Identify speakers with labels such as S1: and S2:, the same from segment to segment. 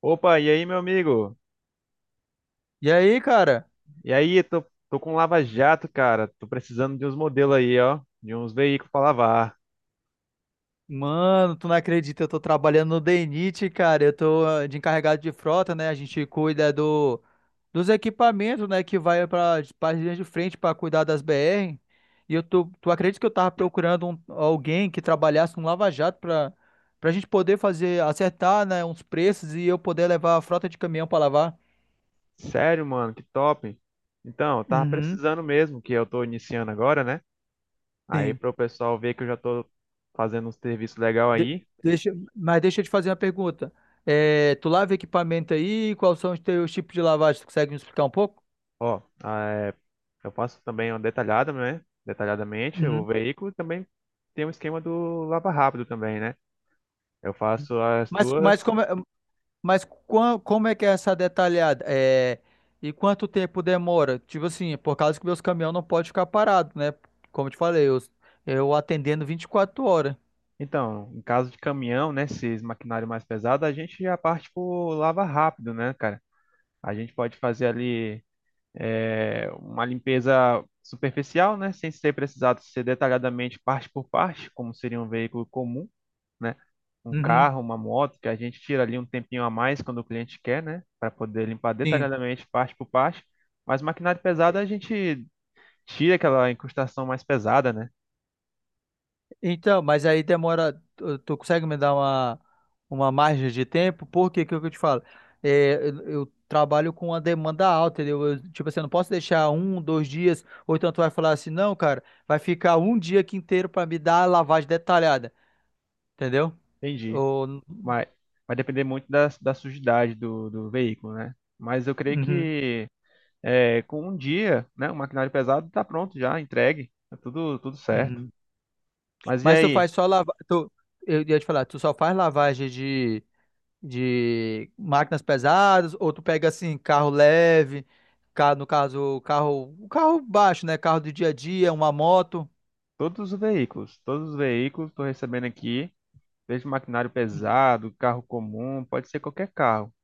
S1: Opa, e aí, meu amigo?
S2: E aí, cara?
S1: E aí, tô com Lava Jato, cara. Tô precisando de uns modelos aí, ó. De uns veículos pra lavar.
S2: Mano, tu não acredita, eu tô trabalhando no DNIT, cara. Eu tô de encarregado de frota, né? A gente cuida dos equipamentos, né? Que vai para as linhas de frente para cuidar das BR. E eu tu acredita que eu tava procurando alguém que trabalhasse no Lava Jato pra gente poder fazer, acertar, né? Uns preços e eu poder levar a frota de caminhão pra lavar?
S1: Sério, mano, que top. Então, eu tava
S2: Uhum.
S1: precisando mesmo, que eu tô iniciando agora, né? Aí,
S2: Sim.
S1: pro pessoal ver que eu já tô fazendo um serviço legal
S2: De-
S1: aí.
S2: Deixa, mas deixa eu te fazer uma pergunta. É, tu lava equipamento aí? Quais são os teus tipos de lavagem? Tu consegue me explicar um pouco?
S1: Ó, é, eu faço também uma detalhada, né? Detalhadamente o
S2: Uhum.
S1: veículo. E também tem um esquema do lava rápido também, né? Eu faço as
S2: Mas, mas,
S1: duas.
S2: como, é- mas como é que é essa detalhada? É, e quanto tempo demora? Tipo assim, por causa que meus caminhões não podem ficar parados, né? Como eu te falei, eu atendendo vinte e quatro horas.
S1: Então, em caso de caminhão, né, esses maquinário mais pesado, a gente já parte por lava rápido, né, cara? A gente pode fazer ali uma limpeza superficial, né, sem ser precisado ser detalhadamente parte por parte, como seria um veículo comum, né? Um
S2: Uhum.
S1: carro, uma moto, que a gente tira ali um tempinho a mais quando o cliente quer, né, para poder limpar
S2: Sim.
S1: detalhadamente parte por parte. Mas maquinário pesado a gente tira aquela incrustação mais pesada, né?
S2: Então, mas aí demora. Tu consegue me dar uma margem de tempo? Porque que é o que eu te falo? Eu trabalho com uma demanda alta, entendeu? Eu, tipo assim, eu não posso deixar um, dois dias, ou então tu vai falar assim, não, cara, vai ficar um dia aqui inteiro pra me dar a lavagem detalhada, entendeu?
S1: Entendi.
S2: Ou,
S1: Vai, vai depender muito da sujidade do veículo, né? Mas eu creio
S2: uhum,
S1: que é, com um dia, né, o maquinário pesado está pronto já, entregue, tá tudo, tudo certo.
S2: uhum.
S1: Mas e
S2: Mas tu
S1: aí?
S2: faz só lavagem. Tu... Eu ia te falar, tu só faz lavagem de. De máquinas pesadas, ou tu pega assim, carro leve, no caso, o carro baixo, né? Carro do dia a dia, uma moto.
S1: Todos os veículos estou recebendo aqui, desde maquinário
S2: Uhum.
S1: pesado, carro comum, pode ser qualquer carro,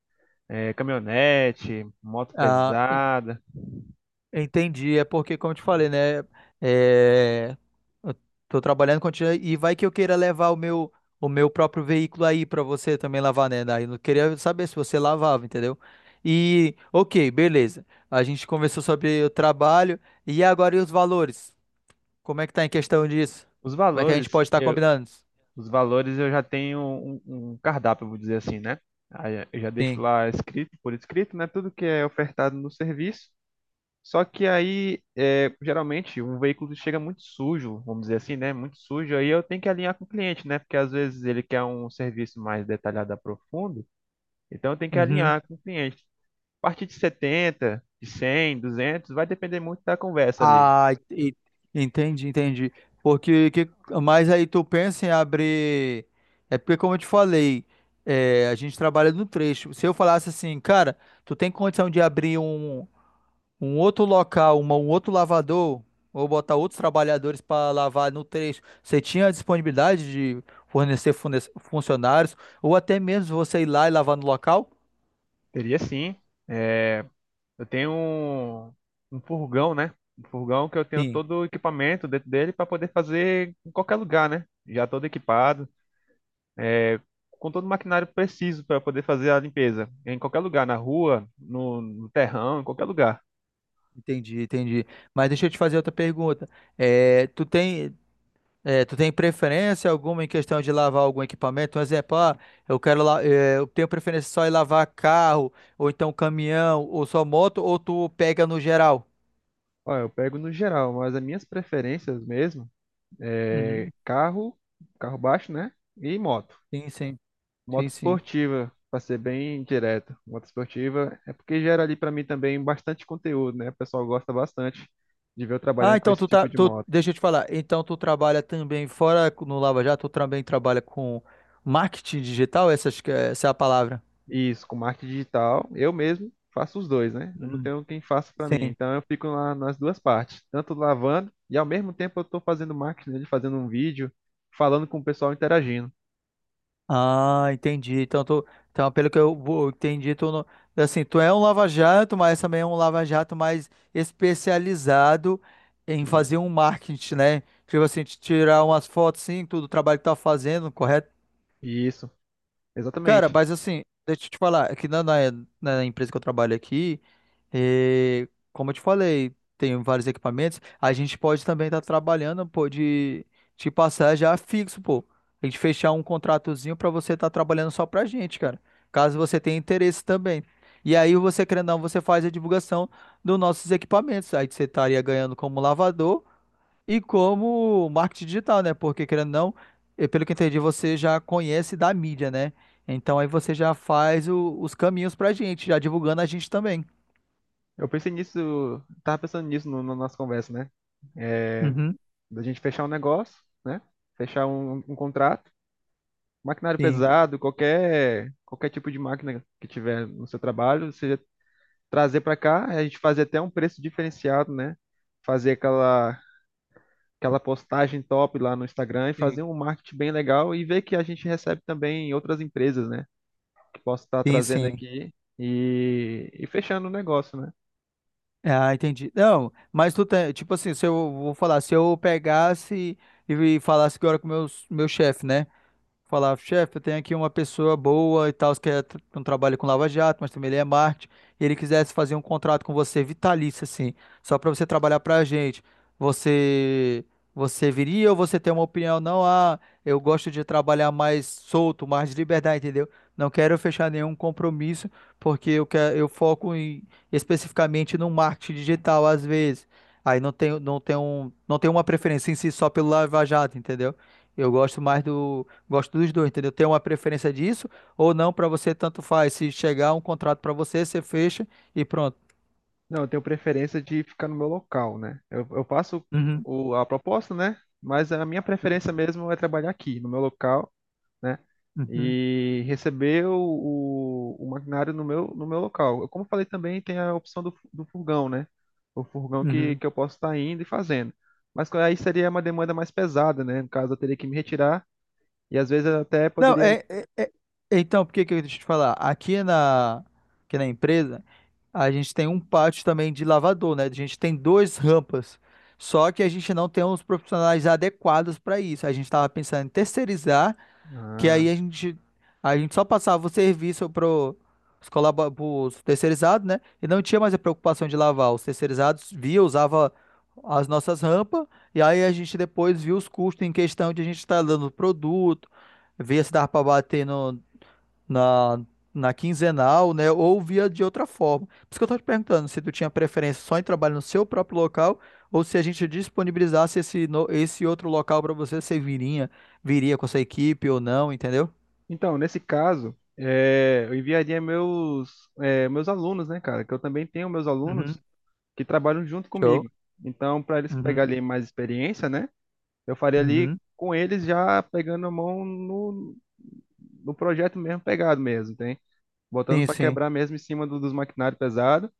S1: é, caminhonete, moto
S2: Ah, en-
S1: pesada.
S2: Entendi. É porque, como eu te falei, né? É, eu tô trabalhando contigo e vai que eu queira levar o meu próprio veículo aí pra você também lavar, né? Daí eu queria saber se você lavava, entendeu? E, ok, beleza. A gente conversou sobre o trabalho e agora e os valores? Como é que tá em questão disso?
S1: Os
S2: Como é que a gente
S1: valores.
S2: pode estar combinando isso?
S1: Os valores eu já tenho um cardápio, vou dizer assim, né? Aí eu já deixo
S2: Sim.
S1: lá escrito, por escrito, né? Tudo que é ofertado no serviço. Só que aí, é, geralmente, um veículo chega muito sujo, vamos dizer assim, né? Muito sujo. Aí eu tenho que alinhar com o cliente, né? Porque às vezes ele quer um serviço mais detalhado, profundo. Então eu tenho que
S2: Uhum.
S1: alinhar com o cliente. A partir de 70, de 100, 200, vai depender muito da conversa ali.
S2: Ah, e- Entendi, entendi. Porque que, mas aí tu pensa em abrir. É porque, como eu te falei, é, a gente trabalha no trecho. Se eu falasse assim, cara, tu tem condição de abrir um outro local, um outro lavador, ou botar outros trabalhadores para lavar no trecho, você tinha a disponibilidade de fornecer funcionários, ou até mesmo você ir lá e lavar no local?
S1: Teria sim. é, Eu tenho um, um furgão, né? Um furgão que eu tenho
S2: Sim.
S1: todo o equipamento dentro dele para poder fazer em qualquer lugar, né? Já todo equipado, com todo o maquinário preciso para poder fazer a limpeza. Em qualquer lugar, na rua, no terrão, em qualquer lugar.
S2: Entendi, entendi. Mas deixa eu te fazer outra pergunta. Eh, tu tem, Tu tem preferência alguma em questão de lavar algum equipamento? Um exemplo, ah, eu quero, eu tenho preferência só em lavar carro, ou então caminhão, ou só moto, ou tu pega no geral?
S1: Ó, eu pego no geral, mas as minhas preferências mesmo é
S2: Uhum.
S1: carro, carro baixo, né? E moto.
S2: Sim, sim, sim,
S1: Moto
S2: sim.
S1: esportiva, para ser bem direto. Moto esportiva é porque gera ali para mim também bastante conteúdo, né? O pessoal gosta bastante de ver eu
S2: Ah,
S1: trabalhando com
S2: então
S1: esse tipo de moto.
S2: deixa eu te falar. Então tu trabalha também fora no Lava Jato, tu também trabalha com marketing digital, essa é a palavra.
S1: Isso, com marketing digital, eu mesmo faço os dois, né? Eu não
S2: Uhum.
S1: tenho quem faça para mim.
S2: Sim.
S1: Então eu fico lá nas duas partes, tanto lavando e ao mesmo tempo eu estou fazendo marketing, né? Fazendo um vídeo, falando com o pessoal interagindo.
S2: Ah, entendi. Então pelo que eu entendi, tu não, assim, tu é um lava-jato, mas também é um lava-jato mais especializado em
S1: Isso,
S2: fazer um marketing, né? Tipo assim, te tirar umas fotos, sim, tudo o trabalho que tá fazendo, correto?
S1: Isso,
S2: Cara,
S1: exatamente.
S2: mas assim, deixa eu te falar, na empresa que eu trabalho aqui, eh, como eu te falei, tem vários equipamentos, a gente pode também estar trabalhando, pô, de te passar já fixo, pô. A gente fechar um contratozinho pra você estar trabalhando só pra gente, cara. Caso você tenha interesse também. E aí você, querendo ou não, você faz a divulgação dos nossos equipamentos. Aí você estaria ganhando como lavador e como marketing digital, né? Porque querendo ou não, pelo que eu entendi, você já conhece da mídia, né? Então aí você já faz os caminhos pra gente, já divulgando a gente também.
S1: Eu pensei nisso, tava pensando nisso na nossa conversa, né?
S2: Uhum.
S1: Da gente fechar um negócio, né? Fechar um contrato. Maquinário
S2: Sim,
S1: pesado, qualquer, qualquer tipo de máquina que tiver no seu trabalho, você trazer para cá, a gente fazer até um preço diferenciado, né? Fazer aquela, aquela postagem top lá no Instagram e
S2: sim,
S1: fazer um marketing bem legal e ver que a gente recebe também em outras empresas, né? Que posso estar
S2: sim,
S1: trazendo
S2: sim.
S1: aqui e fechando o negócio, né?
S2: Ah, entendi. Não, mas tu tem, tipo assim, se eu vou falar, se eu pegasse e falasse agora com meu chefe, né? Falar, chefe, eu tenho aqui uma pessoa boa e tal, que é um trabalho com Lava Jato, mas também ele é marketing, e ele quisesse fazer um contrato com você vitalício, assim, só para você trabalhar para a gente. Você, Você viria ou você tem uma opinião? Não, ah, eu gosto de trabalhar mais solto, mais de liberdade, entendeu? Não quero fechar nenhum compromisso, porque eu foco especificamente no marketing digital, às vezes. Aí não tenho, não tenho, um, não tenho uma preferência em si só pelo Lava Jato, entendeu? Eu gosto mais do, Gosto dos dois, entendeu? Tem uma preferência disso ou não pra você, tanto faz. Se chegar um contrato pra você, você fecha e pronto.
S1: Não, eu tenho preferência de ficar no meu local, né? Eu faço
S2: Uhum,
S1: o, a proposta, né? Mas a minha preferência
S2: uhum,
S1: mesmo é trabalhar aqui, no meu local, né?
S2: uhum,
S1: E receber o maquinário no meu, no meu local. Eu, como falei também, tem a opção do, do furgão, né? O furgão
S2: uhum.
S1: que eu posso estar indo e fazendo. Mas aí seria uma demanda mais pesada, né? No caso, eu teria que me retirar e às vezes eu até
S2: Não,
S1: poderia.
S2: é, é- é- Então, por que que eu deixa eu te falar? Aqui na empresa, a gente tem um pátio também de lavador, né? A gente tem duas rampas. Só que a gente não tem os profissionais adequados para isso. A gente estava pensando em terceirizar. Que
S1: Ah.
S2: a gente só passava o serviço pro, os pros terceirizados, né? E não tinha mais a preocupação de lavar. Os terceirizados via, usava as nossas rampas, e aí a gente depois via os custos em questão de a gente estar dando produto, via se dava para bater no, na, na quinzenal, né? Ou via de outra forma. Por isso que eu tô te perguntando se tu tinha preferência só em trabalho no seu próprio local, ou se a gente disponibilizasse esse, no- esse outro local para você, viria com essa equipe ou não, entendeu?
S1: Então, nesse caso, é, eu enviaria meus, é, meus alunos, né, cara? Que eu também tenho meus alunos
S2: Uhum.
S1: que trabalham junto
S2: Show.
S1: comigo. Então, para eles
S2: Uhum.
S1: pegarem mais experiência, né? Eu faria ali
S2: Uhum.
S1: com eles já pegando a mão no, no projeto mesmo, pegado mesmo, tem? Botando
S2: Sim,
S1: para
S2: sim,
S1: quebrar mesmo em cima dos maquinários pesados.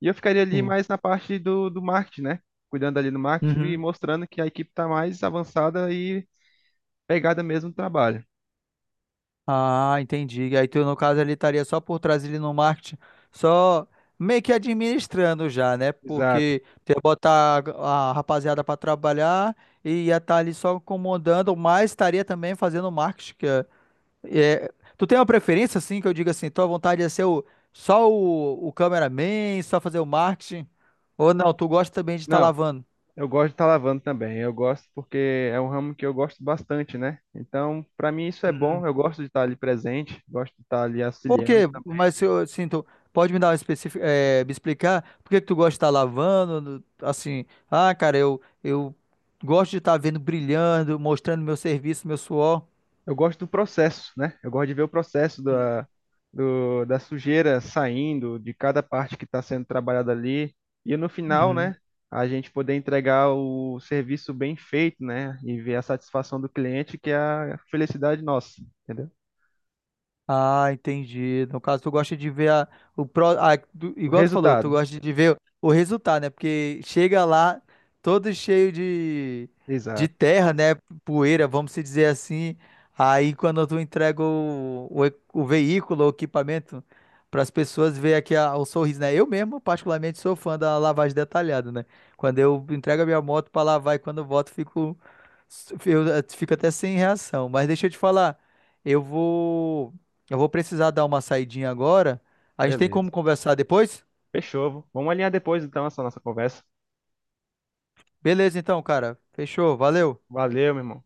S1: E eu ficaria ali
S2: sim.
S1: mais na parte do, do marketing, né? Cuidando ali do marketing e
S2: Uhum.
S1: mostrando que a equipe está mais avançada e pegada mesmo no trabalho.
S2: Ah, entendi. Aí tu, no caso, ele estaria só por trás ali no marketing, só meio que administrando já, né?
S1: Exato.
S2: Porque tu ia botar a rapaziada para trabalhar e ia estar ali só comandando, mas estaria também fazendo marketing. É- Tu tem uma preferência, assim, que eu diga assim, tua vontade é ser só o cameraman, só fazer o marketing? Ou não, tu gosta também de estar
S1: Não,
S2: lavando?
S1: eu gosto de estar lavando também. Eu gosto porque é um ramo que eu gosto bastante, né? Então, para mim isso é bom. Eu gosto de estar ali presente, gosto de estar ali
S2: Por quê?
S1: auxiliando.
S2: Mas se eu sinto, pode me dar uma específica, me explicar por que que tu gosta de estar lavando, assim, ah, cara, eu gosto de estar vendo brilhando, mostrando meu serviço, meu suor.
S1: Eu gosto do processo, né? Eu gosto de ver o processo da, da sujeira saindo, de cada parte que está sendo trabalhada ali. E no final,
S2: Uhum.
S1: né? A gente poder entregar o serviço bem feito, né? E ver a satisfação do cliente, que é a felicidade nossa, entendeu?
S2: Ah, entendi. No caso, tu gosta de ver a,
S1: O
S2: igual tu falou, tu
S1: resultado.
S2: gosta de ver o resultado, né? Porque chega lá todo cheio de
S1: Exato.
S2: terra, né? Poeira, vamos se dizer assim. Aí quando tu entrega o veículo, o equipamento para as pessoas ver aqui o sorriso, né? Eu mesmo, particularmente, sou fã da lavagem detalhada, né? Quando eu entrego a minha moto para lavar e quando eu volto, fico até sem reação. Mas deixa eu te falar, eu vou eu vou precisar dar uma saidinha agora. A gente tem
S1: Beleza.
S2: como conversar depois?
S1: Fechou. Vamos alinhar depois, então, essa nossa conversa.
S2: Beleza, então, cara. Fechou. Valeu.
S1: Valeu, meu irmão.